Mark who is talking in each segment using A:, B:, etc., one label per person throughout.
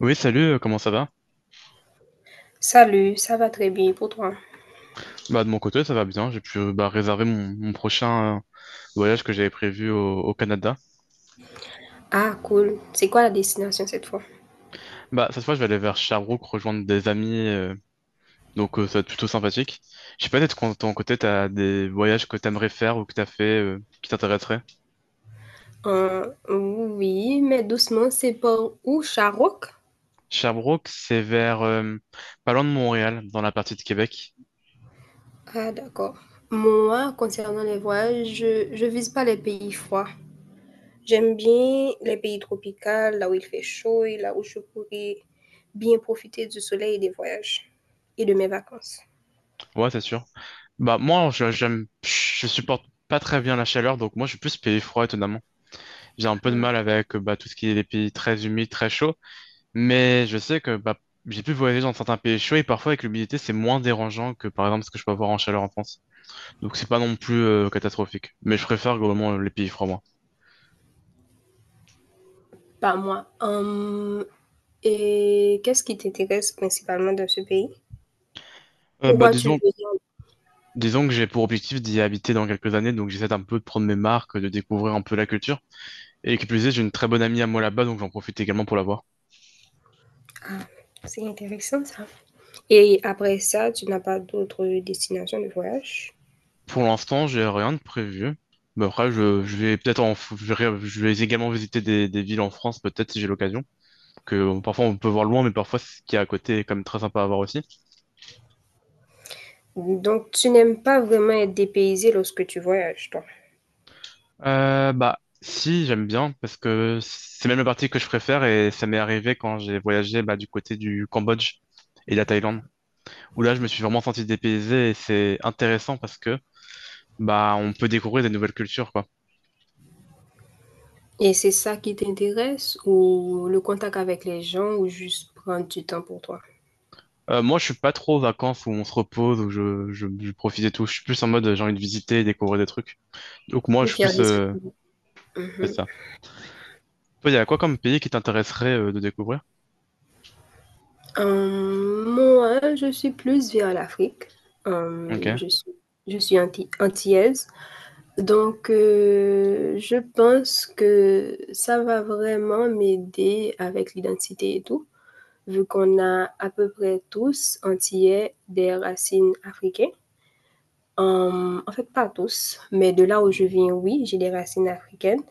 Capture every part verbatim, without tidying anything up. A: Oui, salut, euh, comment ça va?
B: Salut, ça va très bien pour toi?
A: Bah, de mon côté, ça va bien. J'ai pu euh, bah, réserver mon, mon prochain euh, voyage que j'avais prévu au, au Canada.
B: Ah, cool. C'est quoi la destination cette fois?
A: Bah, cette fois, je vais aller vers Sherbrooke rejoindre des amis, euh, donc euh, ça va être plutôt sympathique. Je sais pas, peut-être qu'en ton côté, t'as des voyages que t'aimerais faire ou que t'as fait euh, qui t'intéresseraient.
B: Euh, oui, mais doucement, c'est pas où, Charok?
A: Sherbrooke, c'est vers euh, pas loin de Montréal, dans la partie de Québec.
B: Ah, d'accord. Moi, concernant les voyages, je, je vise pas les pays froids. J'aime bien les pays tropicaux, là où il fait chaud et là où je pourrais bien profiter du soleil et des voyages et de mes vacances.
A: Ouais, c'est sûr. Bah, moi, je- j'aime, je supporte pas très bien la chaleur, donc moi, je suis plus pays froid, étonnamment. J'ai un peu de mal avec euh, bah, tout ce qui est les pays très humides, très chauds. Mais je sais que bah, j'ai pu voyager dans certains pays chauds et parfois avec l'humidité c'est moins dérangeant que par exemple ce que je peux avoir en chaleur en France. Donc c'est pas non plus euh, catastrophique. Mais je préfère globalement euh, les pays froids moi.
B: Pas moi. Hum, et qu'est-ce qui t'intéresse principalement dans ce pays?
A: Euh, bah
B: Pourquoi tu
A: disons,
B: veux dire?
A: disons que j'ai pour objectif d'y habiter dans quelques années, donc j'essaie un peu de prendre mes marques, de découvrir un peu la culture. Et qui plus est, j'ai une très bonne amie à moi là-bas, donc j'en profite également pour la voir.
B: Ah, c'est intéressant ça. Et après ça, tu n'as pas d'autres destinations de voyage?
A: Pour l'instant, j'ai rien de prévu. Mais après, je, je vais peut-être en, f- je vais je vais également visiter des, des villes en France, peut-être si j'ai l'occasion. Que bon, parfois on peut voir loin, mais parfois ce qui est à côté est quand même très sympa à voir aussi.
B: Donc, tu n'aimes pas vraiment être dépaysé lorsque tu voyages, toi?
A: Euh, bah, si, j'aime bien, parce que c'est même la partie que je préfère et ça m'est arrivé quand j'ai voyagé bah, du côté du Cambodge et de la Thaïlande, où là, je me suis vraiment senti dépaysé et c'est intéressant parce que bah, on peut découvrir des nouvelles cultures, quoi.
B: Et c'est ça qui t'intéresse, ou le contact avec les gens, ou juste prendre du temps pour toi?
A: Euh, moi, je suis pas trop aux vacances où on se repose, où je, je, je profite et tout. Je suis plus en mode euh, j'ai envie de visiter et découvrir des trucs. Donc, moi, je
B: Ou
A: suis
B: faire
A: plus.
B: des
A: Euh,
B: activités. Mmh
A: c'est
B: mh.
A: ça. Toi, il y a quoi comme pays qui t'intéresserait euh, de découvrir?
B: Moi, je suis plus vers l'Afrique.
A: Ok.
B: Hem, je suis je suis anti antillaise. Donc, heu, je pense que ça va vraiment m'aider avec l'identité et tout, vu qu'on a à peu près tous antillais des racines africaines. Hem, en fait, pas tous, mais de là où je viens, oui, j'ai des racines africaines.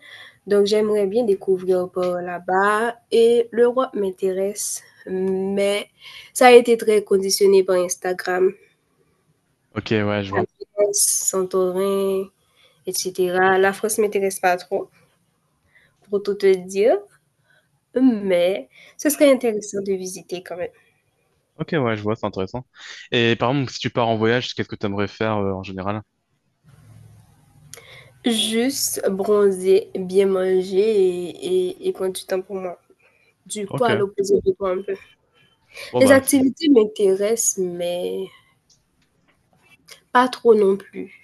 B: Donc j'aimerais bien découvrir par là-bas et l'Europe m'intéresse, mais ça a été très conditionné par Instagram.
A: Ok, ouais, je
B: La
A: vois.
B: Grèce, Santorin et cetera. La France m'intéresse pas trop, pour tout te dire, mais ce serait intéressant de visiter quand même.
A: Ok, ouais, je vois, c'est intéressant. Et par exemple, si tu pars en voyage, qu'est-ce que tu aimerais faire euh, en général?
B: Juste bronzer, bien manger et, et, et prendre du temps pour moi. Du
A: Ok.
B: poids à l'opposé de toi un peu.
A: Bon,
B: Les
A: bah, c'est- de toute
B: activités m'intéressent, mais pas trop non plus.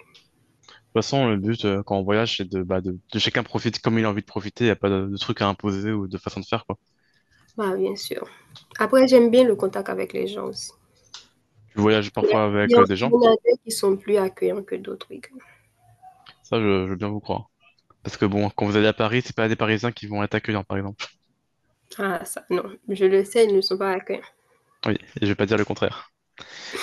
A: façon, le but euh, quand on voyage, c'est de, bah, de, de chacun profite comme il a envie de profiter. Il n'y a pas de, de truc à imposer ou de façon de faire, quoi.
B: Bah, bien sûr. Après, j'aime bien le contact avec les gens aussi.
A: Tu voyages
B: Il y a-
A: parfois
B: il y
A: avec
B: en
A: euh, des
B: il
A: gens,
B: y en a des qui sont plus accueillants que d'autres, oui.
A: ça, je, je veux bien vous croire. Parce que bon, quand vous allez à Paris, c'est pas des Parisiens qui vont être accueillants, par exemple.
B: Ah, ça, non. Je le sais, ils ne sont pas accueillants.
A: Oui, et je vais pas dire le contraire.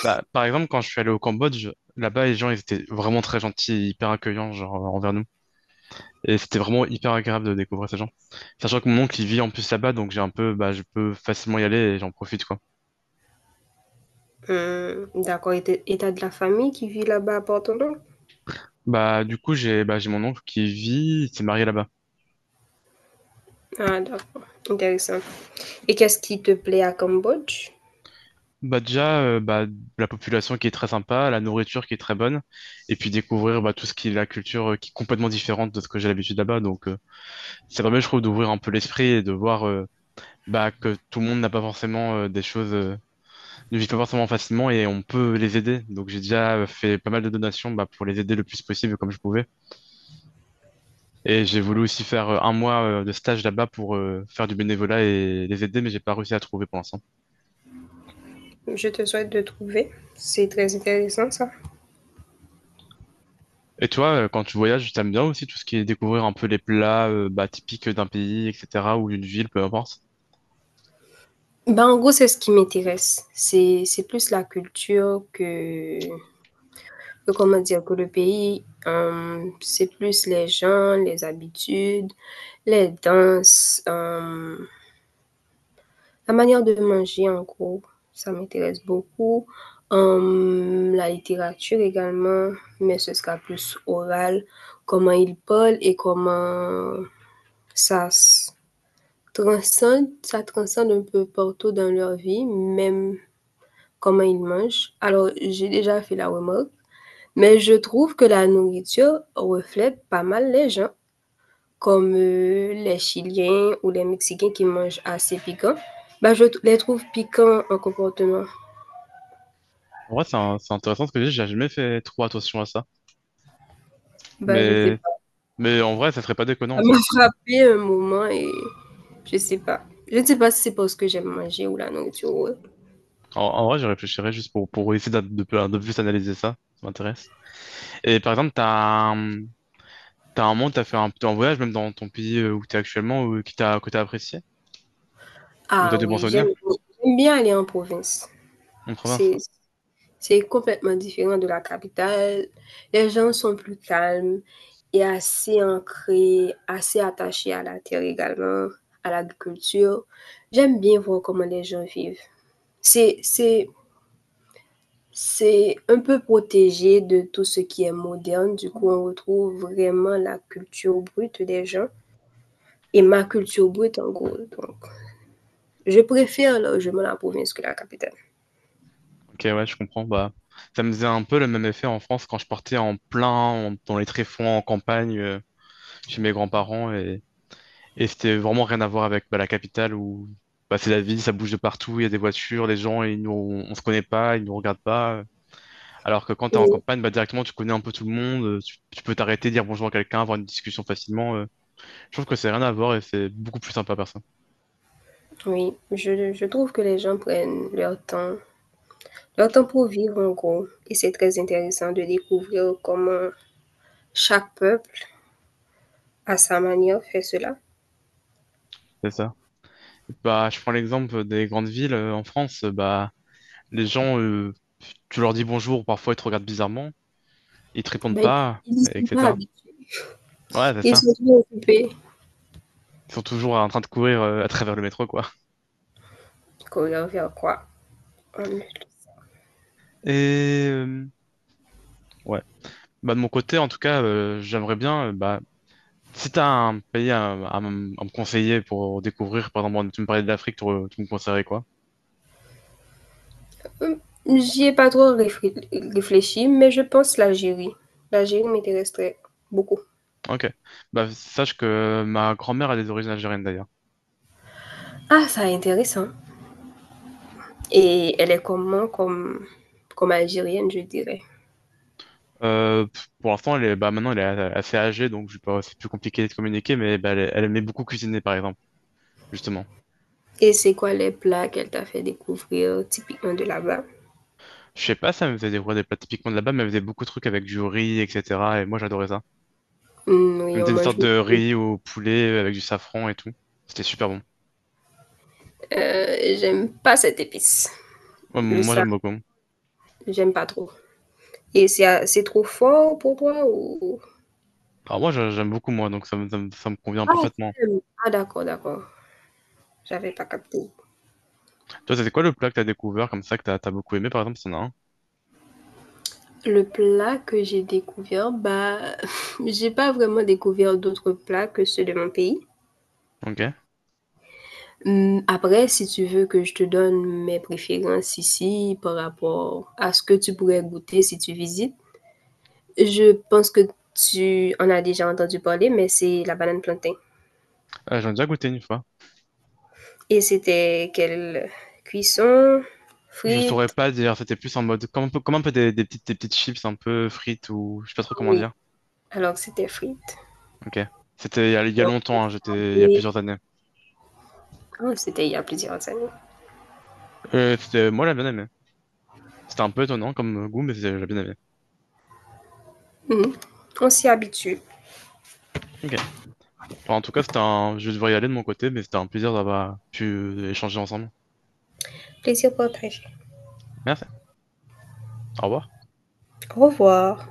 A: Bah, par exemple, quand je suis allé au Cambodge, là-bas, les gens, ils étaient vraiment très gentils, hyper accueillants, genre, envers nous. Et c'était vraiment hyper agréable de découvrir ces gens. Sachant que mon oncle, il vit en plus là-bas, donc j'ai un peu, bah, je peux facilement y aller et j'en profite, quoi.
B: Hum, d'accord. Et t'as et t'as de la famille qui vit là-bas à Porto Novo?
A: Bah, du coup, j'ai, bah, j'ai mon oncle qui vit, il s'est marié là-bas.
B: Ah, d'accord. Intéressant. Et qu'est-ce qui te plaît à Cambodge?
A: Bah, déjà, euh, bah, la population qui est très sympa, la nourriture qui est très bonne, et puis découvrir, bah, tout ce qui est la culture euh, qui est complètement différente de ce que j'ai l'habitude là-bas. Donc, euh, c'est vraiment, je trouve, d'ouvrir un peu l'esprit et de voir, euh, bah, que tout le monde n'a pas forcément euh, des choses, euh, ne vit pas forcément facilement et on peut les aider. Donc, j'ai déjà euh, fait pas mal de donations, bah, pour les aider le plus possible comme je pouvais. Et j'ai voulu aussi faire euh, un mois euh, de stage là-bas pour euh, faire du bénévolat et les aider, mais j'ai pas réussi à trouver pour l'instant.
B: Je te souhaite de trouver. C'est très intéressant ça.
A: Et toi, euh, quand tu voyages, t'aimes bien aussi tout ce qui est découvrir un peu les plats euh, bah, typiques d'un pays, et cetera, ou d'une ville, peu importe.
B: Ben, en gros, c'est ce qui m'intéresse. C'est, c'est plus la culture que, que, comment dire, que le pays. Hum, c'est plus les gens, les habitudes, les danses, hum, la manière de manger en gros. Ça m'intéresse beaucoup. Hum, la littérature également, mais ce sera plus oral. Comment ils parlent et comment ça se Transcende, ça transcende un peu partout dans leur vie, même comment ils mangent. Alors, j'ai déjà fait la remarque, mais je trouve que la nourriture reflète pas mal les gens, comme euh, les Chiliens ou les Mexicains qui mangent assez piquant. Bah, je t- les trouve piquants en comportement.
A: En vrai, c'est un- c'est intéressant ce que j'ai, j'ai jamais fait trop attention à ça.
B: Bah, je sais
A: Mais,
B: pas.
A: mais en vrai, ça serait pas déconnant
B: Ça
A: en
B: m'a
A: soi.
B: frappé un moment et je sais pas. Je ne sais pas si c'est parce que j'aime manger ou la nourriture, ouais.
A: En, en vrai, je réfléchirais juste pour, pour essayer de, de, peu- de plus analyser ça. Ça m'intéresse. Et par exemple, t'as un, t'as un moment, où t'as fait un, un voyage, même dans ton pays euh, où t'es actuellement, ou, qui t'a, que t'as apprécié, ou t'as
B: Ah
A: des bons
B: oui,
A: souvenirs
B: j'aime j'aime bien aller en province.
A: en province?
B: C'est C'est complètement différent de la capitale. Les gens sont plus calmes et assez ancrés, assez attachés à la terre également, à l'agriculture. J'aime bien voir comment les gens vivent. C'est, c'est, c'est un peu protégé de tout ce qui est moderne. Du coup, on retrouve vraiment la culture brute des gens et ma culture brute en gros. Donc, je préfère largement la province que la capitale.
A: Ok, ouais, je comprends. Bah, ça me faisait un peu le même effet en France quand je partais en plein, en- dans les tréfonds, en campagne, euh, chez mes grands-parents. Et, et c'était vraiment rien à voir avec bah, la capitale où bah, c'est la ville, ça bouge de partout, il y a des voitures, les gens, ils nous, on se connaît pas, ils nous regardent pas. Alors que quand t'es en
B: Oui,
A: campagne, bah, directement, tu connais un peu tout le monde, euh, tu, tu peux t'arrêter, dire bonjour à quelqu'un, avoir une discussion facilement. euh. Je trouve que c'est rien à voir et c'est beaucoup plus sympa, personne.
B: oui, je, je trouve que les gens prennent leur temps Leurs pour vivre en gros. Et c'est très intéressant de découvrir comment chaque peuple, à sa manière, fait cela.
A: C'est ça. Bah, je prends l'exemple des grandes villes euh, en France. Bah, les gens, euh, tu leur dis bonjour, parfois ils te regardent bizarrement, ils te répondent
B: Ben,
A: pas,
B: ils n'y sont pas
A: et cetera.
B: habitués.
A: Ouais, c'est
B: Ils
A: ça.
B: sont bien occupés.
A: Ils sont toujours en train de courir euh, à travers le métro, quoi.
B: Courir vers quoi. On ne.
A: Et euh, ouais. Bah, de mon côté, en tout cas, euh, j'aimerais bien, euh, bah, si t'as un pays à, à m- à me conseiller pour découvrir, par exemple, tu me parlais de l'Afrique, tu, tu me conseillerais quoi?
B: Hum, J'y ai pas trop réfré- réfléchi, mais je pense l'Algérie. L'Algérie m'intéresserait beaucoup.
A: Ok. Bah, sache que euh, ma grand-mère a des origines algériennes, d'ailleurs.
B: Ah, ça est intéressant. Et elle est comment comme, comme algérienne, je dirais.
A: Euh, pff, pour l'instant, elle est, bah, maintenant, elle est assez âgée, donc je sais pas, c'est plus compliqué de communiquer, mais bah, elle, elle aimait beaucoup cuisiner, par exemple, justement.
B: Et c'est quoi les plats qu'elle t'a fait découvrir typiquement de là-bas?
A: Je sais pas, ça me faisait découvrir des plats typiquement de là-bas, mais elle faisait beaucoup de trucs avec du riz, et cetera. Et moi, j'adorais ça.
B: Hum,
A: Elle
B: Oui, on
A: mettait une sorte
B: mange.
A: de riz au poulet avec du safran et tout. C'était super bon.
B: Euh, j'aime pas cette épice.
A: Ouais,
B: Le
A: moi, j'aime
B: sable,
A: beaucoup.
B: j'aime pas trop. Et c'est c'est trop fort pour toi ou...
A: Alors moi, j'a- j'aime beaucoup, moi, donc ça me, ça me, ça me convient
B: Ah,
A: parfaitement.
B: t'aimes. Ah, d'accord, d'accord. J'avais pas capté.
A: Toi, c'était quoi le plat que t'as découvert comme ça, que t'as, t'as beaucoup aimé, par exemple, si t'en as un?
B: Le plat que j'ai découvert, bah, j'ai pas vraiment découvert d'autres plats que ceux de mon pays.
A: Ok.
B: Hum, Après, si tu veux que je te donne mes préférences ici par rapport à ce que tu pourrais goûter si tu visites, je pense que tu en as déjà entendu parler, mais c'est la banane plantain.
A: Euh, j'en ai déjà goûté une fois.
B: Et c'était quelle cuisson?
A: Je saurais
B: Frites?
A: pas dire, c'était plus en mode, comme un peu, comme un peu des, des petites, des petites chips un peu frites ou je sais pas trop comment
B: Oui,
A: dire.
B: alors c'était frites.
A: Ok. C'était il y a, il y a
B: On
A: longtemps, hein, j'étais, il y a
B: s'habille-
A: plusieurs années.
B: Ah, c'était il y a plusieurs années.
A: Euh, c'était, moi, j'ai bien aimé. C'était un peu étonnant comme goût, mais c'est- j'ai bien aimé.
B: Mmh. On s'y habitue.
A: Ok. Enfin, en tout cas, c'était un… je devrais y aller de mon côté, mais c'était un plaisir d'avoir pu échanger ensemble.
B: Plaisir partagé.
A: Merci. Au revoir.
B: Au revoir.